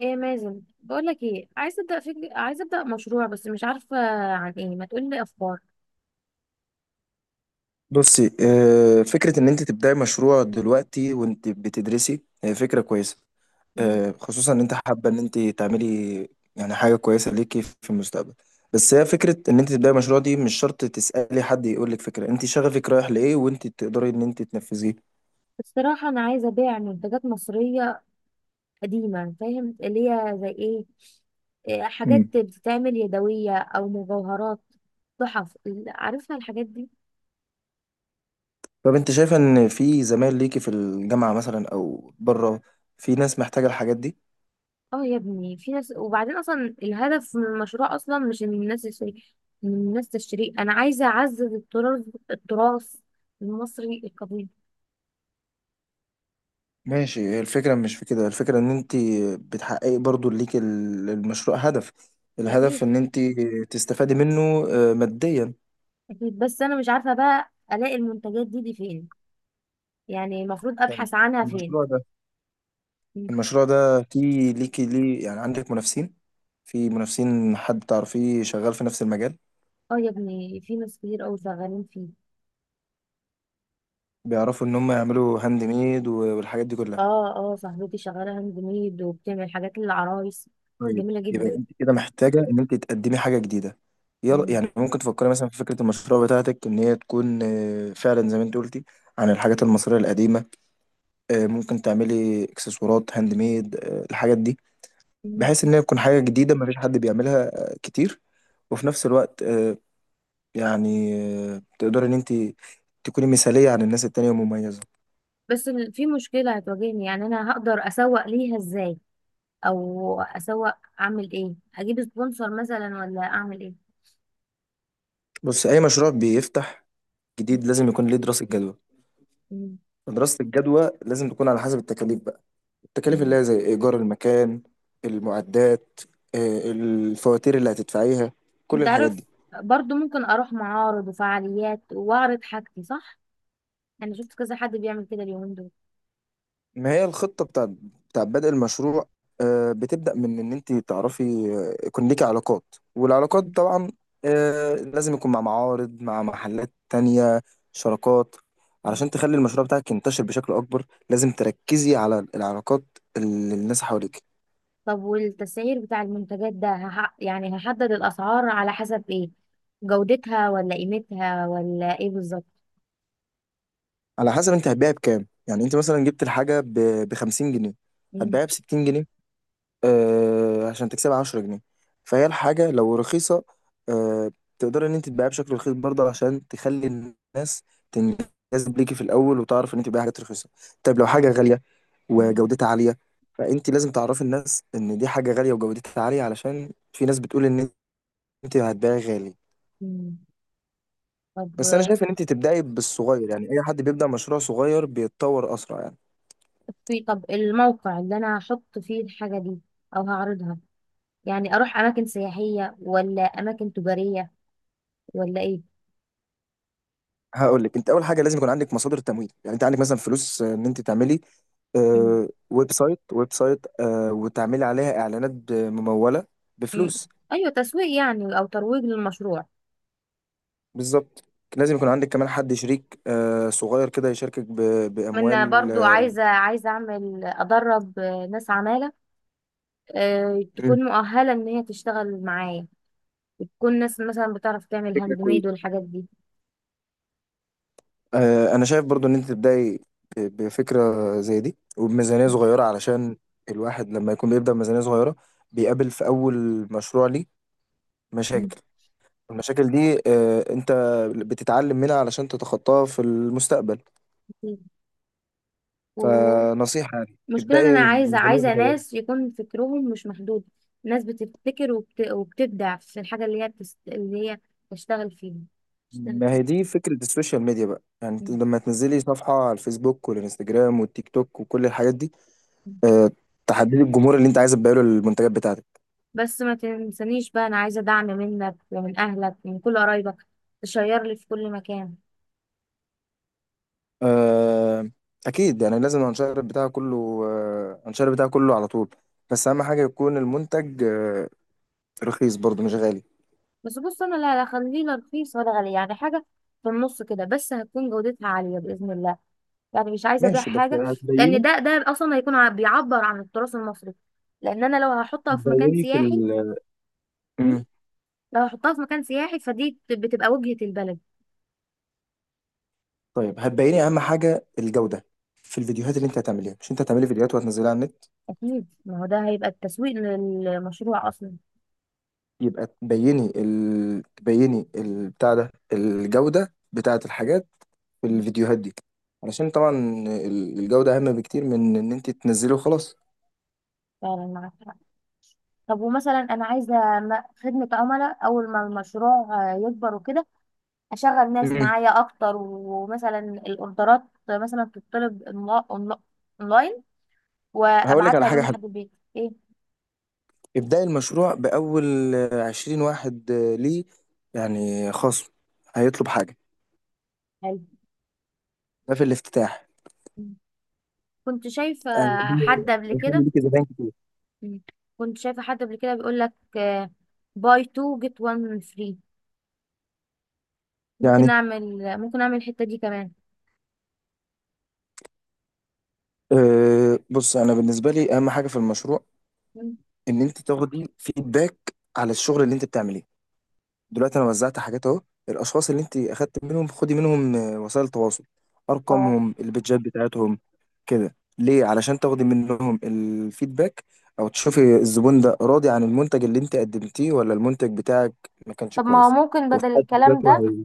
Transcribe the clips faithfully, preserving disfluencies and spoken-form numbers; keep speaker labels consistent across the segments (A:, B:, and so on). A: ايه يا مازن، بقول لك ايه، عايزه ابدا فكر عايزه ابدا مشروع بس مش عارفه عن ايه. ما تقول لي افكار.
B: بصي، آه، فكرة إن أنت تبدأي مشروع دلوقتي وأنت بتدرسي هي فكرة كويسة.
A: مم.
B: آه، خصوصا إن أنت حابة إن أنت تعملي يعني حاجة كويسة ليكي في المستقبل. بس هي فكرة إن أنت تبدأي مشروع دي مش شرط تسألي حد يقولك فكرة. أنت شغفك رايح لإيه وأنت تقدري إن أنت تنفذيه.
A: الصراحه انا عايزه ابيع منتجات مصريه قديمه، فاهم اللي هي زي ايه؟ إيه،
B: مم.
A: حاجات بتتعمل يدويه او مجوهرات، تحف ال- عارفها الحاجات دي.
B: طب أنت شايفة إن في زمايل ليكي في الجامعة مثلا أو بره، في ناس محتاجة الحاجات دي؟
A: اه يا ابني في ناس، وبعدين اصلا الهدف من المشروع اصلا مش ان الناس تشتري، ان الناس تشتري، انا عايزه اعزز التراث التراث المصري القديم.
B: ماشي. الفكرة مش في كده، الفكرة ان انت بتحققي برضو ليك ال- المشروع هدف.
A: اكيد
B: الهدف ان انت تستفادي منه آه، ماديا.
A: أكيد بس أنا مش عارفة بقى ألاقي المنتجات دي دي فين، يعني المفروض أبحث عنها فين.
B: المشروع ده
A: مم.
B: المشروع ده في ليكي ليه؟ يعني عندك منافسين؟ في منافسين، حد تعرفيه شغال في نفس المجال؟
A: اه يا ابني في ناس كتير أوي شغالين فيه.
B: بيعرفوا ان هم يعملوا هاند ميد و- والحاجات دي كلها.
A: اه، اه، صاحبتي شغالة هاند ميد وبتعمل حاجات للعرايس.
B: طيب
A: جميلة
B: يبقى
A: جدا.
B: انت كده محتاجة ان انت تقدمي حاجة جديدة. يلا،
A: مم.
B: يعني ممكن تفكري مثلا في فكرة المشروع بتاعتك ان هي تكون آه، فعلا زي ما انت قلتي عن الحاجات المصرية القديمة. آه، ممكن تعملي اكسسوارات هاند ميد، آه، الحاجات دي،
A: مم.
B: بحيث ان هي تكون حاجه جديده مفيش حد بيعملها آه، كتير. وفي نفس الوقت آه، يعني آه، تقدري ان انت تكوني مثاليه عن الناس التانية ومميزه.
A: بس ال- في مشكلة هتواجهني، يعني أنا هقدر أسوق ليها إزاي؟ أو أسوق، أعمل إيه أجيب سبونسر مثلا ولا أعمل إيه؟
B: بص، اي مشروع بيفتح جديد لازم يكون ليه دراسه جدوى.
A: مم.
B: دراسه الجدوى لازم تكون على حسب التكاليف بقى. التكاليف اللي
A: مم.
B: هي زي ايجار المكان، المعدات، آه، الفواتير اللي هتدفعيها، كل
A: أنت
B: الحاجات
A: عارف،
B: دي.
A: برضو ممكن أروح معارض وفعاليات وأعرض حاجتي، صح؟ انا شفت كذا حد بيعمل كده اليومين دول.
B: ما هي الخطة بتاع بتاع بدء المشروع آه، بتبدأ من إن أنت تعرفي آه، يكون ليكي علاقات، والعلاقات
A: مم.
B: طبعا آه، لازم يكون مع معارض، مع محلات تانية، شراكات،
A: مم.
B: علشان تخلي المشروع بتاعك ينتشر بشكل أكبر. لازم تركزي على العلاقات اللي الناس حواليك.
A: طب والتسعير بتاع المنتجات ده هح... يعني هحدد الاسعار على حسب ايه، جودتها ولا قيمتها ولا ايه بالظبط؟
B: على حسب أنت هتبيعي بكام. يعني أنت مثلا جبت الحاجة ب خمسين جنيه،
A: مم.
B: هتبيعها ب ستين جنيه، آه عشان تكسبها عشرة جنيه. فهي الحاجة لو رخيصة، آه، تقدر ان انت تبيعها بشكل رخيص برضه عشان تخلي الناس تنجذب ليكي في الاول، وتعرف ان انت بتبيعي حاجات رخيصة. طيب لو حاجة غالية
A: مم.
B: وجودتها عالية، فانت لازم تعرفي الناس ان دي حاجة غالية وجودتها عالية، علشان في ناس بتقول ان انت هتبيعي غالي.
A: مم. طب
B: بس انا شايف ان انت تبدأي بالصغير، يعني اي حد بيبدأ مشروع صغير بيتطور اسرع يعني.
A: في طب الموقع اللي انا هحط فيه الحاجة دي او هعرضها، يعني اروح اماكن سياحية ولا اماكن تجارية ولا ايه؟
B: هقول لك، انت اول حاجه لازم يكون عندك مصادر تمويل، يعني انت عندك مثلا فلوس آه، ان انت تعملي
A: مم.
B: آه، ويب سايت ويب سايت، آه، وتعملي عليها اعلانات ب- مموله
A: مم.
B: بفلوس.
A: ايوه، تسويق يعني او ترويج للمشروع.
B: بالظبط. لازم يكون عندك كمان حد شريك، آه، صغير كده يشاركك ب-
A: من
B: باموال،
A: برضو
B: آه،
A: عايزة عايزة اعمل ادرب ناس عمالة، آه،
B: مم.
A: تكون مؤهلة إن هي تشتغل معايا، وتكون ناس مثلا بتعرف تعمل
B: فكرة
A: هاند ميد
B: كويسة.
A: والحاجات دي.
B: آه، انا شايف برضو ان انت تبداي ب- بفكره زي دي وبميزانيه صغيره، علشان الواحد لما يكون بيبدا بميزانيه صغيره بيقابل في اول مشروع ليه مشاكل. المشاكل دي آه، انت بتتعلم منها علشان تتخطاها في المستقبل.
A: ومشكلة
B: فنصيحة يعني،
A: إن أنا
B: ابدأي
A: عايزة
B: بميزانية
A: عايزة
B: صغيرة.
A: ناس يكون فكرهم مش محدود، ناس بتبتكر وبت... وبتبدع في الحاجة اللي هي بتست... اللي هي تشتغل فيها تشتغل
B: ما
A: فيها.
B: هي دي فكرة السوشيال ميديا بقى. يعني انت
A: مم.
B: لما تنزلي صفحة على الفيسبوك والانستجرام والتيك توك وكل الحاجات دي، آه، تحددي الجمهور اللي انت عايز تبيعه له المنتجات بتاعتك.
A: بس ما تنسانيش بقى، أنا عايزة دعم منك ومن أهلك ومن كل قرايبك. تشير لي في كل مكان.
B: آه، اكيد، يعني لازم الانشار بتاعه كله، آه، الانشار بتاعه كله على طول. بس اهم حاجة يكون المنتج آه، رخيص برضه مش غالي.
A: بس بص، أنا لا لا، خليه لا رخيص ولا غالي، يعني حاجة في النص كده، بس هتكون جودتها عالية بإذن الله. يعني مش عايزه ابيع
B: ماشي، بس
A: حاجه، لان
B: هتبيني،
A: ده ده اصلا هيكون ع- بيعبر عن التراث المصري. لان انا لو هحطها في مكان
B: هتبيني في
A: سياحي،
B: ال
A: مم، لو هحطها في مكان سياحي فدي بت- بتبقى وجهة البلد.
B: طيب هتبيني اهم حاجه الجوده في الفيديوهات اللي انت هتعمليها. مش انت هتعملي فيديوهات وهتنزليها على النت،
A: اكيد، ما هو ده هيبقى التسويق للمشروع اصلا.
B: يبقى تبيني ال... تبيني ال... بتاع ده، الجوده بتاعه الحاجات في
A: مم.
B: الفيديوهات دي، علشان طبعا ال- الجوده اهم بكتير من ان انت تنزلي وخلاص.
A: فعلا معاك حق. طب ومثلا انا عايزه م- خدمه عملاء، اول ما المشروع آه، يكبر وكده، اشغل ناس
B: امم
A: معايا اكتر، ومثلا الاوردرات، مثلا تطلب أونلا- أونلا- اونلاين
B: هقول لك على
A: وابعتها
B: حاجه
A: لهم
B: حلوه.
A: لحد البيت. ايه؟
B: ابداي المشروع باول عشرين واحد. ليه؟ يعني خصم، هيطلب حاجه،
A: حلو.
B: ده في الافتتاح.
A: كنت شايفة
B: آه،
A: حد
B: ده
A: قبل كده.
B: هيخلي ليكي زباين كتير.
A: مم. كنت شايفة حد قبل كده بيقول لك باي اتنين جيت واحد فري. ممكن
B: يعني
A: اعمل ممكن اعمل الحتة دي كمان.
B: آه، بص، انا بالنسبه لي اهم حاجه في المشروع
A: مم.
B: ان انت تاخدي فيدباك على الشغل اللي انت بتعمليه. دلوقتي انا وزعت حاجات اهو، الاشخاص اللي انت اخدت منهم خدي منهم آه، وسائل تواصل،
A: اه.
B: ارقامهم، البيدجات بتاعتهم، كده ليه، علشان تاخدي منهم الفيدباك، او تشوفي الزبون ده راضي عن المنتج اللي انت قدمتيه ولا المنتج بتاعك ما كانش
A: طب ما هو
B: كويس
A: ممكن
B: وفي
A: بدل
B: حد
A: الكلام
B: ذاته.
A: ده،
B: هي-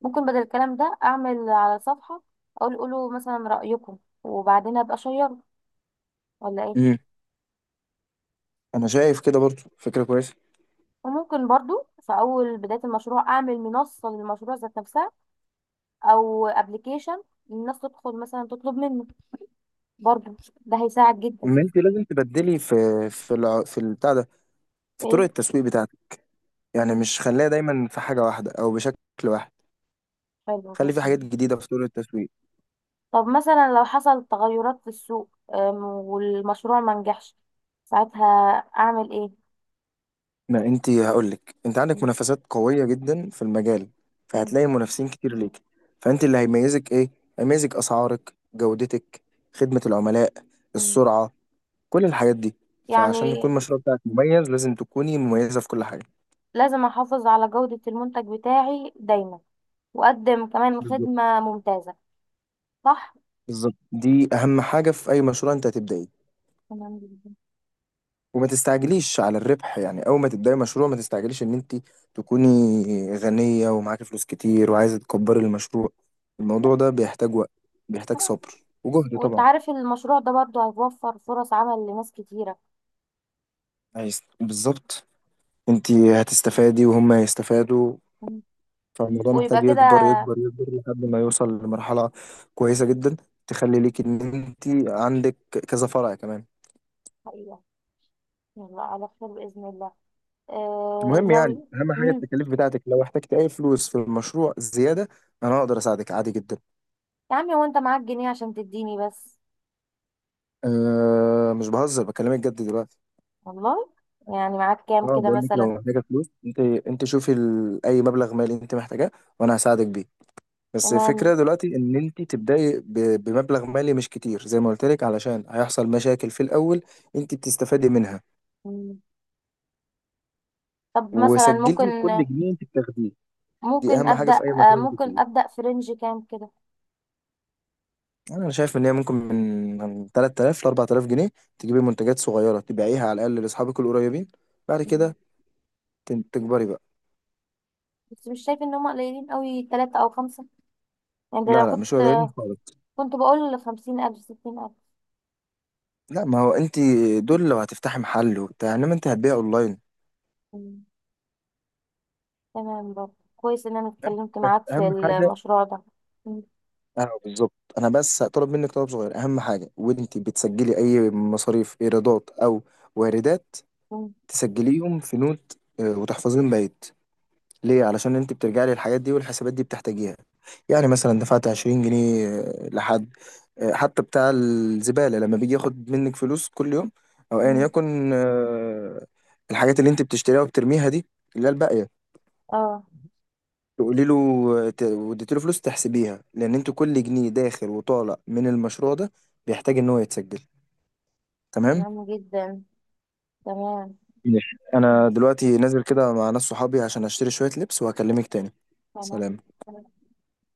A: ممكن بدل الكلام ده اعمل على صفحة، اقول قولوا مثلا رأيكم، وبعدين ابقى اشيره، ولا ايه؟
B: مم. انا شايف كده برضو فكره كويسه.
A: وممكن برضو في اول بداية المشروع اعمل منصة للمشروع ذات نفسها، او ابلكيشن، الناس تدخل مثلا تطلب منه. برضو ده هيساعد جدا.
B: ان انت لازم تبدلي في في الع- في البتاع ده، في طرق
A: ايه؟
B: التسويق بتاعتك. يعني مش خليها دايما في حاجه واحده او بشكل واحد.
A: حلو
B: خلي في
A: جدا.
B: حاجات جديدة في طرق التسويق.
A: طب مثلا لو حصل تغيرات في السوق، أم، والمشروع ما نجحش، ساعتها اعمل ايه؟
B: ما انت هقولك، انت عندك منافسات قوية جدا في المجال،
A: مم.
B: فهتلاقي منافسين كتير ليك. فانت اللي هيميزك ايه؟ هيميزك اسعارك، جودتك، خدمة العملاء،
A: مم.
B: السرعة، كل الحاجات دي. فعشان
A: يعني
B: يكون المشروع بتاعك مميز لازم تكوني مميزة في كل حاجة.
A: لازم احافظ على جودة المنتج بتاعي دايما، واقدم كمان
B: بالظبط.
A: خدمة ممتازة. صح.
B: بالظبط، دي اهم حاجة في اي مشروع انت هتبدأيه.
A: تمام جدا.
B: وما تستعجليش على الربح، يعني اول ما تبداي مشروع ما تستعجليش ان انت تكوني غنية ومعاكي فلوس كتير وعايزة تكبري المشروع. الموضوع ده بيحتاج وقت، بيحتاج صبر وجهد
A: وانت
B: طبعا.
A: عارف المشروع ده برضو هيوفر فرص عمل لناس كتيرة.
B: عايز بالظبط. انت هتستفادي وهم هيستفادوا.
A: مم.
B: فالموضوع
A: ويبقى
B: محتاج
A: كده.
B: يكبر يكبر يكبر لحد ما يوصل لمرحلة
A: مم.
B: كويسة جدا، تخلي ليك ان انت عندك كذا فرع كمان.
A: حقيقة. يلا على خير بإذن الله. آه
B: المهم يعني
A: ناوي.
B: اهم حاجة
A: مم.
B: التكاليف بتاعتك. لو احتجت اي فلوس في المشروع زيادة، انا اقدر اساعدك عادي جدا.
A: يا عمي، وانت معاك جنيه عشان تديني بس.
B: أه، مش بهزر، بكلمك جد دلوقتي.
A: والله. يعني معاك كام
B: اه
A: كده
B: بقول لك لو
A: مثلا؟
B: محتاجه فلوس، انت انت شوفي ال... اي مبلغ مالي انت محتاجاه وانا هساعدك بيه. بس
A: تمام.
B: الفكره دلوقتي ان انت تبداي ب... بمبلغ مالي مش كتير زي ما قلت لك، علشان هيحصل مشاكل في الاول انت بتستفادي منها.
A: مم. طب مثلا
B: وسجلي
A: ممكن،
B: كل جنيه انت بتاخديه، دي
A: ممكن
B: اهم حاجه
A: ابدا
B: في اي
A: آه،
B: مشروع
A: ممكن
B: بتبدايه.
A: ابدا في رينج كام كده؟
B: انا شايف ان هي ممكن من من ثلاث آلاف ل اربع تلاف جنيه تجيبي منتجات صغيره تبيعيها على الاقل لاصحابك القريبين. بعد
A: مم.
B: كده تن- تكبري بقى.
A: بس مش شايف ان هم قليلين قوي، ثلاثة او خمسة. يعني ده لو
B: لا لا
A: كنت،
B: مش قليلين خالص.
A: كنت بقول خمسين الف ستين الف.
B: لا، ما هو انت، دول لو هتفتحي محل وبتاع، انما انت هتبيع اونلاين.
A: مم. تمام برضه كويس ان انا اتكلمت
B: بس
A: معاك في
B: اهم حاجه،
A: المشروع ده. مم.
B: اه بالظبط، انا بس هطلب منك طلب صغير. اهم حاجه وانت بتسجلي اي مصاريف، ايرادات او واردات،
A: مم.
B: تسجليهم في نوت، آه، وتحفظيهم بايت. ليه؟ علشان انت بترجعي للحاجات دي، والحسابات دي بتحتاجيها. يعني مثلا دفعت عشرين جنيه، آه، لحد، آه، حتى بتاع الزباله لما بيجي ياخد منك فلوس كل يوم او ايا
A: مم.
B: يكن، آه، الحاجات اللي انت بتشتريها وبترميها دي اللي هي الباقيه،
A: اه.
B: تقولي له ت- واديت له فلوس، تحسبيها، لان انتوا كل جنيه داخل وطالع من المشروع ده بيحتاج ان هو يتسجل. تمام.
A: تمام جدا. تمام.
B: ماشي،
A: مم.
B: انا دلوقتي نازل كده مع ناس صحابي عشان اشتري شوية لبس وهكلمك تاني.
A: تمام
B: سلام.